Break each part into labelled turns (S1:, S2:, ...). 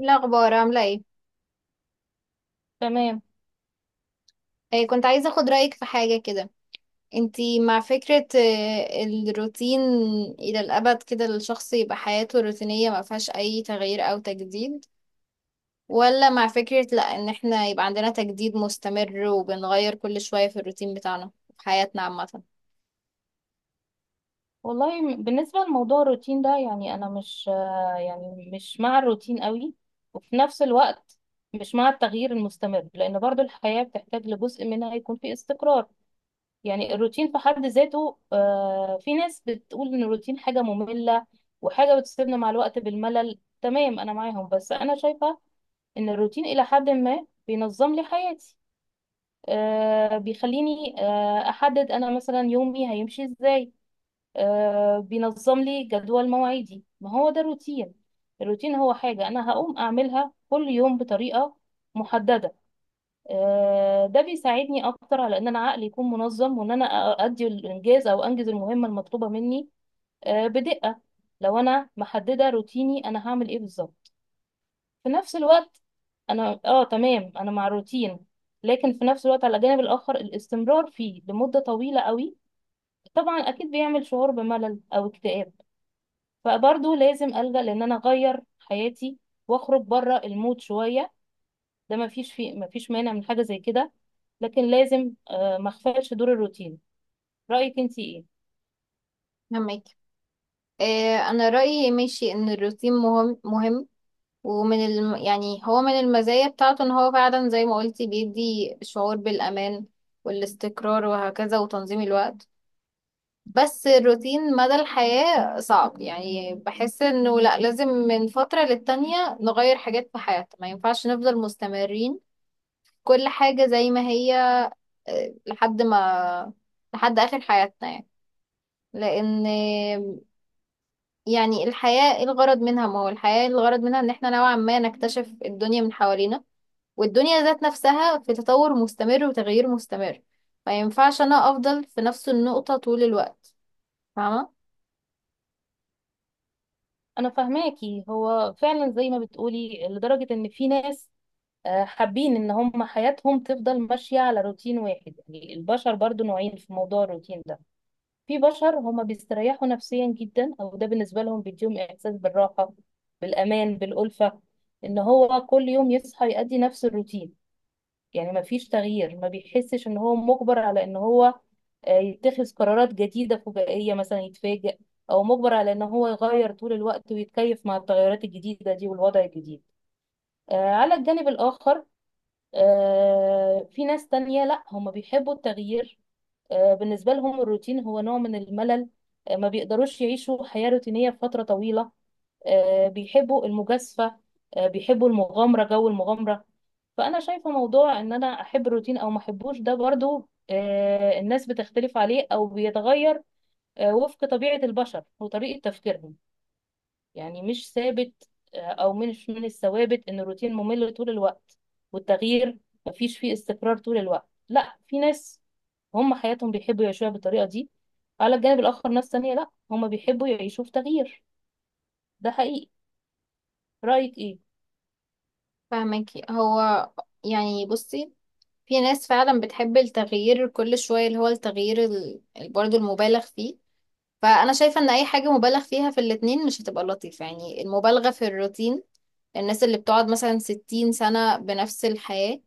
S1: إيه الأخبار عاملة ايه؟
S2: تمام.
S1: إيه كنت عايزة اخد رأيك في حاجة كده. انتي مع فكرة الروتين إلى الأبد كده، الشخص يبقى حياته روتينية ما فيهاش أي تغيير أو تجديد، ولا مع فكرة لأ إن احنا يبقى عندنا تجديد مستمر وبنغير كل شوية في الروتين بتاعنا في حياتنا عامة؟
S2: بالنسبة لموضوع الروتين ده، يعني أنا مش يعني مش مع الروتين قوي، وفي نفس الوقت مش مع التغيير المستمر، لأن برضو الحياة بتحتاج لجزء منها يكون فيه استقرار. يعني الروتين في حد ذاته، في ناس بتقول إن الروتين حاجة مملة وحاجة بتسيبنا مع الوقت بالملل. تمام، أنا معاهم، بس أنا شايفة إن الروتين إلى حد ما بينظم لي حياتي. بيخليني أحدد أنا مثلا يومي هيمشي إزاي. بينظم لي جدول مواعيدي، ما هو ده الروتين. الروتين هو حاجة أنا هقوم أعملها كل يوم بطريقة محددة. ده بيساعدني أكتر على إن أنا عقلي يكون منظم وإن أنا أؤدي الإنجاز أو أنجز المهمة المطلوبة مني بدقة. لو أنا محددة روتيني أنا هعمل إيه بالظبط. في نفس الوقت أنا تمام أنا مع الروتين، لكن في نفس الوقت على الجانب الآخر الاستمرار فيه لمدة طويلة قوي طبعا أكيد بيعمل شعور بملل أو اكتئاب. فبرضه لازم ألجأ لأن أنا أغير حياتي وأخرج بره المود شوية. ده مفيش مانع من حاجة زي كده. لكن لازم ما أغفلش دور الروتين. رأيك أنتي إيه؟
S1: فهمك؟ إيه، أنا رأيي ماشي إن الروتين مهم مهم، ومن يعني هو من المزايا بتاعته ان هو فعلا زي ما قلتي بيدي شعور بالأمان والاستقرار وهكذا وتنظيم الوقت. بس الروتين مدى الحياة صعب، يعني بحس انه لا، لازم من فترة للتانية نغير حاجات في حياتنا، ما ينفعش نفضل مستمرين كل حاجة زي ما هي لحد ما، لحد آخر حياتنا يعني. لأن يعني الحياة إيه الغرض منها؟ ما هو الحياة الغرض منها ان احنا نوعا ما نكتشف الدنيا من حوالينا، والدنيا ذات نفسها في تطور مستمر وتغيير مستمر. ما ينفعش انا افضل في نفس النقطة طول الوقت، فاهمة؟
S2: أنا فاهماكي، هو فعلا زي ما بتقولي، لدرجة إن في ناس حابين إن هم حياتهم تفضل ماشية على روتين واحد. يعني البشر برضو نوعين في موضوع الروتين ده. في بشر هما بيستريحوا نفسيا جدا، او ده بالنسبه لهم بيديهم احساس بالراحه، بالامان، بالالفه، ان هو كل يوم يصحى يؤدي نفس الروتين. يعني ما فيش تغيير، ما بيحسش ان هو مجبر على ان هو يتخذ قرارات جديده فجائيه مثلا يتفاجئ، او مجبر على ان هو يغير طول الوقت ويتكيف مع التغيرات الجديده دي والوضع الجديد. على الجانب الاخر في ناس تانية، لا هما بيحبوا التغيير. بالنسبة لهم الروتين هو نوع من الملل. ما بيقدروش يعيشوا حياة روتينية فترة طويلة. بيحبوا المجازفة، بيحبوا المغامرة، جو المغامرة. فأنا شايفة موضوع إن أنا أحب الروتين أو ما أحبوش ده برضو، الناس بتختلف عليه أو بيتغير وفق طبيعة البشر وطريقة تفكيرهم. يعني مش ثابت، او مش من الثوابت ان الروتين ممل طول الوقت والتغيير مفيش فيه استقرار طول الوقت. لا، في ناس هم حياتهم بيحبوا يعيشوها بالطريقة دي، على الجانب الآخر ناس تانية لا هم بيحبوا يعيشوا في تغيير. ده حقيقي. رأيك ايه؟
S1: فاهمكي هو، يعني بصي، في ناس فعلا بتحب التغيير كل شوية، اللي هو التغيير برضه المبالغ فيه. فانا شايفة ان اي حاجة مبالغ فيها في الاتنين مش هتبقى لطيفة، يعني المبالغة في الروتين، الناس اللي بتقعد مثلا 60 سنة بنفس الحياة،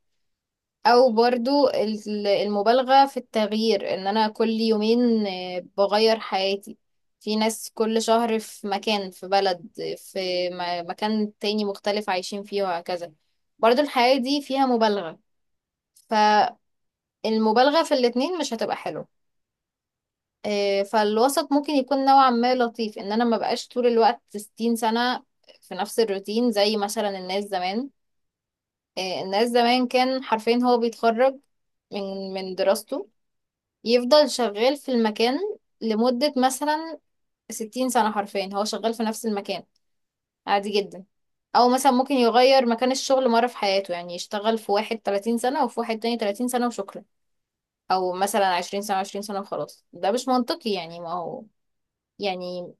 S1: او برضو المبالغة في التغيير، ان انا كل يومين بغير حياتي، في ناس كل شهر في مكان، في بلد، في مكان تاني مختلف عايشين فيه وهكذا، برضو الحياة دي فيها مبالغة. فالمبالغة في الاتنين مش هتبقى حلوة. فالوسط ممكن يكون نوعا ما لطيف، ان انا ما بقاش طول الوقت 60 سنة في نفس الروتين زي مثلا الناس زمان. الناس زمان كان حرفيا هو بيتخرج من دراسته، يفضل شغال في المكان لمدة مثلا 60 سنة، حرفيا هو شغال في نفس المكان، عادي جدا. أو مثلا ممكن يغير مكان الشغل مرة في حياته، يعني يشتغل في واحد 30 سنة وفي واحد تاني 30 سنة وشكرا، أو مثلا 20 سنة 20 سنة وخلاص. ده مش منطقي، يعني ما هو يعني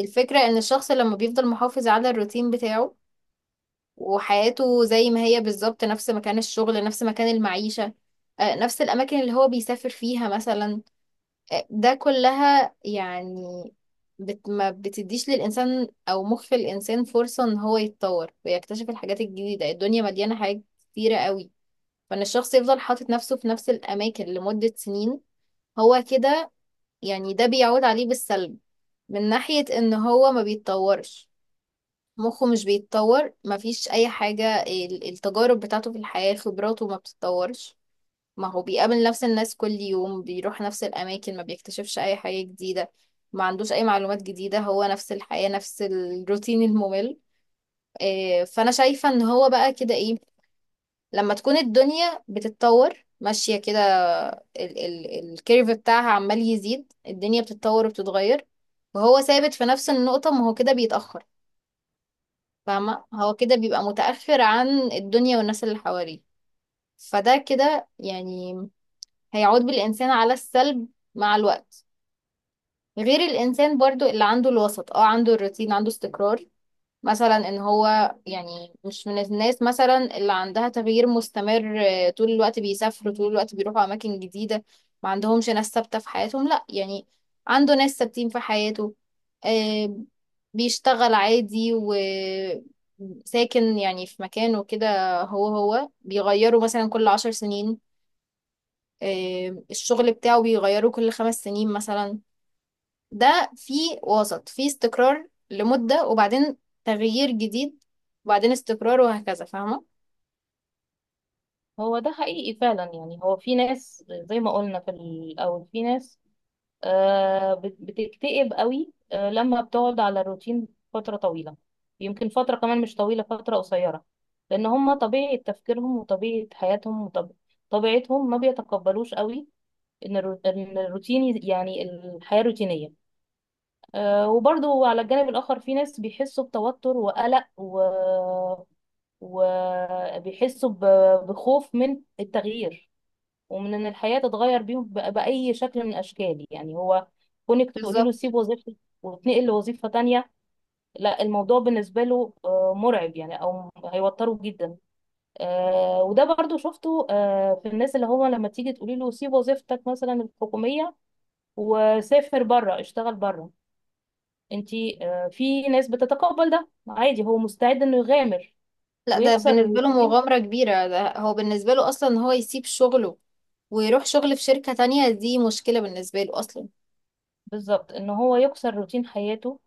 S1: الفكرة إن الشخص لما بيفضل محافظ على الروتين بتاعه وحياته زي ما هي بالظبط، نفس مكان الشغل، نفس مكان المعيشة، نفس الأماكن اللي هو بيسافر فيها مثلا، ده كلها يعني ما بتديش للإنسان أو مخ الإنسان فرصة إن هو يتطور ويكتشف الحاجات الجديدة. الدنيا مليانة حاجات كتيرة قوي، فإن الشخص يفضل حاطط نفسه في نفس الأماكن لمدة سنين هو كده، يعني ده بيعود عليه بالسلب من ناحية إن هو ما بيتطورش، مخه مش بيتطور، مفيش أي حاجة التجارب بتاعته في الحياة خبراته ما بتتطورش، ما هو بيقابل نفس الناس كل يوم، بيروح نفس الأماكن، ما بيكتشفش أي حاجة جديدة، ما عندوش أي معلومات جديدة، هو نفس الحياة نفس الروتين الممل. إيه، فأنا شايفة إن هو بقى كده إيه، لما تكون الدنيا بتتطور ماشية كده، ال ال الكيرف بتاعها عمال يزيد، الدنيا بتتطور وبتتغير وهو ثابت في نفس النقطة، ما هو كده بيتأخر، فاهمة؟ هو كده بيبقى متأخر عن الدنيا والناس اللي حواليه، فده كده يعني هيعود بالإنسان على السلب مع الوقت. غير الإنسان برضو اللي عنده الوسط، عنده الروتين، عنده استقرار، مثلا ان هو يعني مش من الناس مثلا اللي عندها تغيير مستمر طول الوقت بيسافروا، طول الوقت بيروحوا أماكن جديدة، ما عندهمش ناس ثابتة في حياتهم، لا يعني عنده ناس ثابتين في حياته، آه، بيشتغل عادي وساكن يعني في مكانه كده، هو بيغيره مثلا كل 10 سنين، الشغل بتاعه بيغيروه كل 5 سنين مثلا، ده في وسط، في استقرار لمدة وبعدين تغيير جديد وبعدين استقرار وهكذا، فاهمة؟
S2: هو ده حقيقي فعلا. يعني هو في ناس زي ما قلنا في الأول، في ناس بتكتئب قوي لما بتقعد على الروتين فترة طويلة، يمكن فترة كمان مش طويلة، فترة قصيرة، لأن هما طبيعة تفكيرهم وطبيعة حياتهم وطبيعتهم ما بيتقبلوش قوي إن الروتين يعني الحياة روتينية. وبرضو على الجانب الآخر في ناس بيحسوا بتوتر وقلق وبيحسوا بخوف من التغيير ومن ان الحياه تتغير بيهم باي شكل من الاشكال. يعني هو كونك تقولي له
S1: بالظبط.
S2: سيب وظيفتك وتنقل لوظيفه تانية، لا الموضوع بالنسبه له مرعب، يعني او هيوتره جدا. وده برضو شفته في الناس، اللي هو لما تيجي تقولي له سيب وظيفتك مثلا الحكوميه وسافر بره اشتغل بره انتي، في ناس بتتقبل ده عادي، هو مستعد انه يغامر
S1: لا، ده
S2: ويكسر
S1: بالنسبة له
S2: الروتين.
S1: مغامرة كبيرة، ده هو بالنسبة له أصلا إن هو يسيب شغله ويروح شغل في شركة تانية دي مشكلة بالنسبة له أصلا.
S2: بالظبط، ان هو يكسر روتين حياته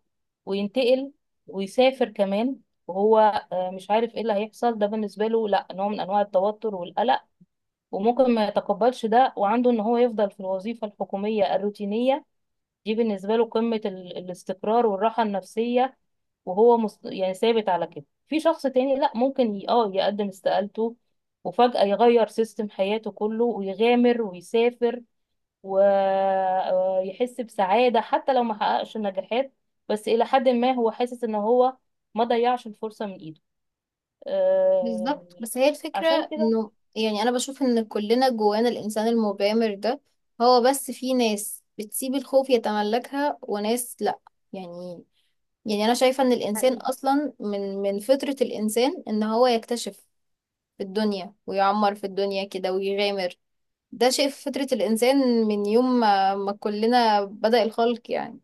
S2: وينتقل ويسافر كمان، وهو مش عارف ايه اللي هيحصل. ده بالنسبه له لا، نوع من انواع التوتر والقلق، وممكن ما يتقبلش ده، وعنده ان هو يفضل في الوظيفه الحكوميه الروتينيه، دي بالنسبه له قمه الاستقرار والراحه النفسيه، وهو يعني ثابت على كده. في شخص تاني لا، ممكن اه يقدم استقالته وفجأة يغير سيستم حياته كله ويغامر ويسافر، ويحس بسعادة حتى لو ما حققش نجاحات. بس إلى حد ما هو حاسس إن هو ما ضيعش الفرصة من إيده. آه،
S1: بالظبط، بس هي
S2: عشان
S1: الفكرة
S2: كده.
S1: إنه يعني أنا بشوف إن كلنا جوانا الإنسان المغامر ده، هو بس في ناس بتسيب الخوف يتملكها وناس لأ، يعني. يعني انا شايفة ان الانسان
S2: حقيقي.
S1: اصلا من فطرة الانسان ان هو يكتشف في الدنيا ويعمر في الدنيا كده ويغامر، ده شيء في فطرة الانسان، من يوم ما كلنا بدأ الخلق يعني،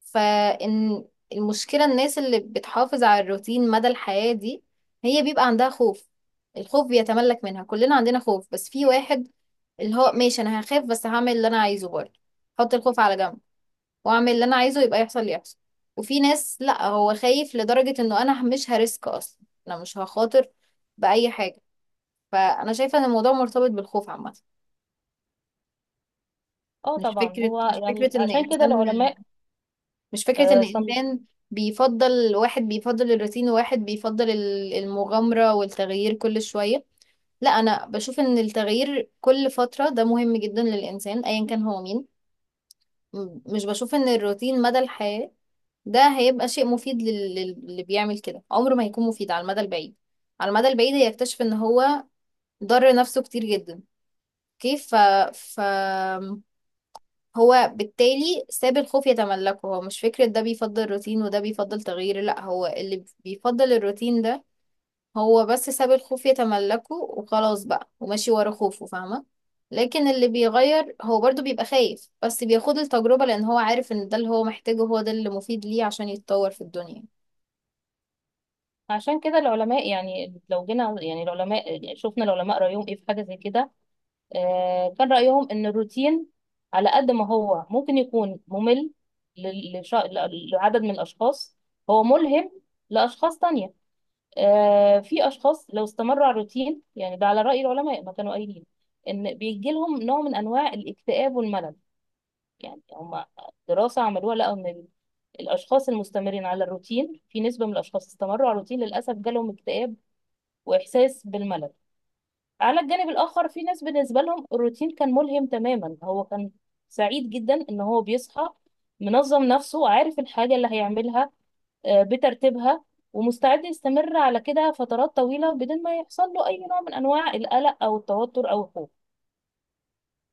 S1: فان المشكلة الناس اللي بتحافظ على الروتين مدى الحياة دي، هي بيبقى عندها خوف، الخوف بيتملك منها. كلنا عندنا خوف، بس في واحد اللي هو ماشي انا هخاف بس هعمل اللي انا عايزه برضه، حط الخوف على جنب واعمل اللي انا عايزه، يبقى يحصل اللي يحصل، وفي ناس لا هو خايف لدرجة انه انا مش هريسك اصلا، انا مش هخاطر بأي حاجة. فانا شايفة ان الموضوع مرتبط بالخوف عامة.
S2: اه
S1: مش
S2: طبعا
S1: فكرة
S2: هو
S1: مش فكرة
S2: يعني
S1: ان
S2: عشان كده
S1: انسان
S2: العلماء
S1: مش فكرة ان
S2: آه، صن-
S1: انسان بيفضل، واحد بيفضل الروتين وواحد بيفضل المغامرة والتغيير كل شوية، لا انا بشوف ان التغيير كل فترة ده مهم جدا للانسان ايا كان هو مين. مش بشوف ان الروتين مدى الحياة ده هيبقى شيء مفيد للي بيعمل كده، عمره ما هيكون مفيد على المدى البعيد، على المدى البعيد هيكتشف ان هو ضر نفسه كتير جدا. كيف ف هو بالتالي ساب الخوف يتملكه، هو مش فكرة ده بيفضل روتين وده بيفضل تغيير، لا هو اللي بيفضل الروتين ده هو بس ساب الخوف يتملكه وخلاص بقى وماشي ورا خوفه، فاهمة؟ لكن اللي بيغير هو برضو بيبقى خايف بس بياخد التجربة، لأن هو عارف إن ده اللي هو محتاجه، هو ده اللي مفيد ليه عشان يتطور في الدنيا.
S2: عشان كده العلماء، يعني لو جينا يعني العلماء، يعني شفنا العلماء رأيهم ايه في حاجة زي كده، كان رأيهم ان الروتين على قد ما هو ممكن يكون ممل لل- لش- لعدد من الأشخاص، هو ملهم لأشخاص تانية. في اشخاص لو استمروا على الروتين، يعني ده على راي العلماء ما كانوا قايلين، ان بيجي لهم نوع من انواع الاكتئاب والملل. يعني هم دراسه عملوها، لقوا ان الاشخاص المستمرين على الروتين، في نسبه من الاشخاص استمروا على الروتين للاسف جالهم اكتئاب واحساس بالملل. على الجانب الاخر في ناس بالنسبه لهم الروتين كان ملهم تماما، هو كان سعيد جدا ان هو بيصحى منظم نفسه عارف الحاجه اللي هيعملها بترتيبها، ومستعد يستمر على كده فترات طويلة بدون ما يحصل له أي نوع من أنواع القلق أو التوتر أو الخوف.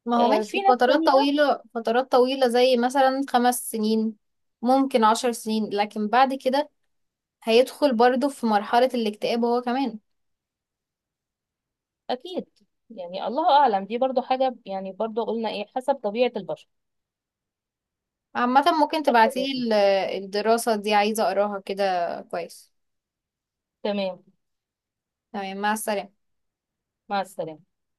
S1: ما هو
S2: في
S1: ماشي
S2: ناس
S1: فترات
S2: تانية
S1: طويلة، فترات طويلة زي مثلا 5 سنين، ممكن 10 سنين، لكن بعد كده هيدخل برضه في مرحلة الاكتئاب هو كمان.
S2: أكيد. يعني الله أعلم، دي برضو حاجة، يعني برضو قلنا إيه، حسب طبيعة البشر،
S1: عامة ممكن
S2: حسب طبيعة
S1: تبعتيلي
S2: البشر.
S1: الدراسة دي، عايزة أقراها كده كويس.
S2: تمام،
S1: تمام، مع السلامة.
S2: مع السلامة.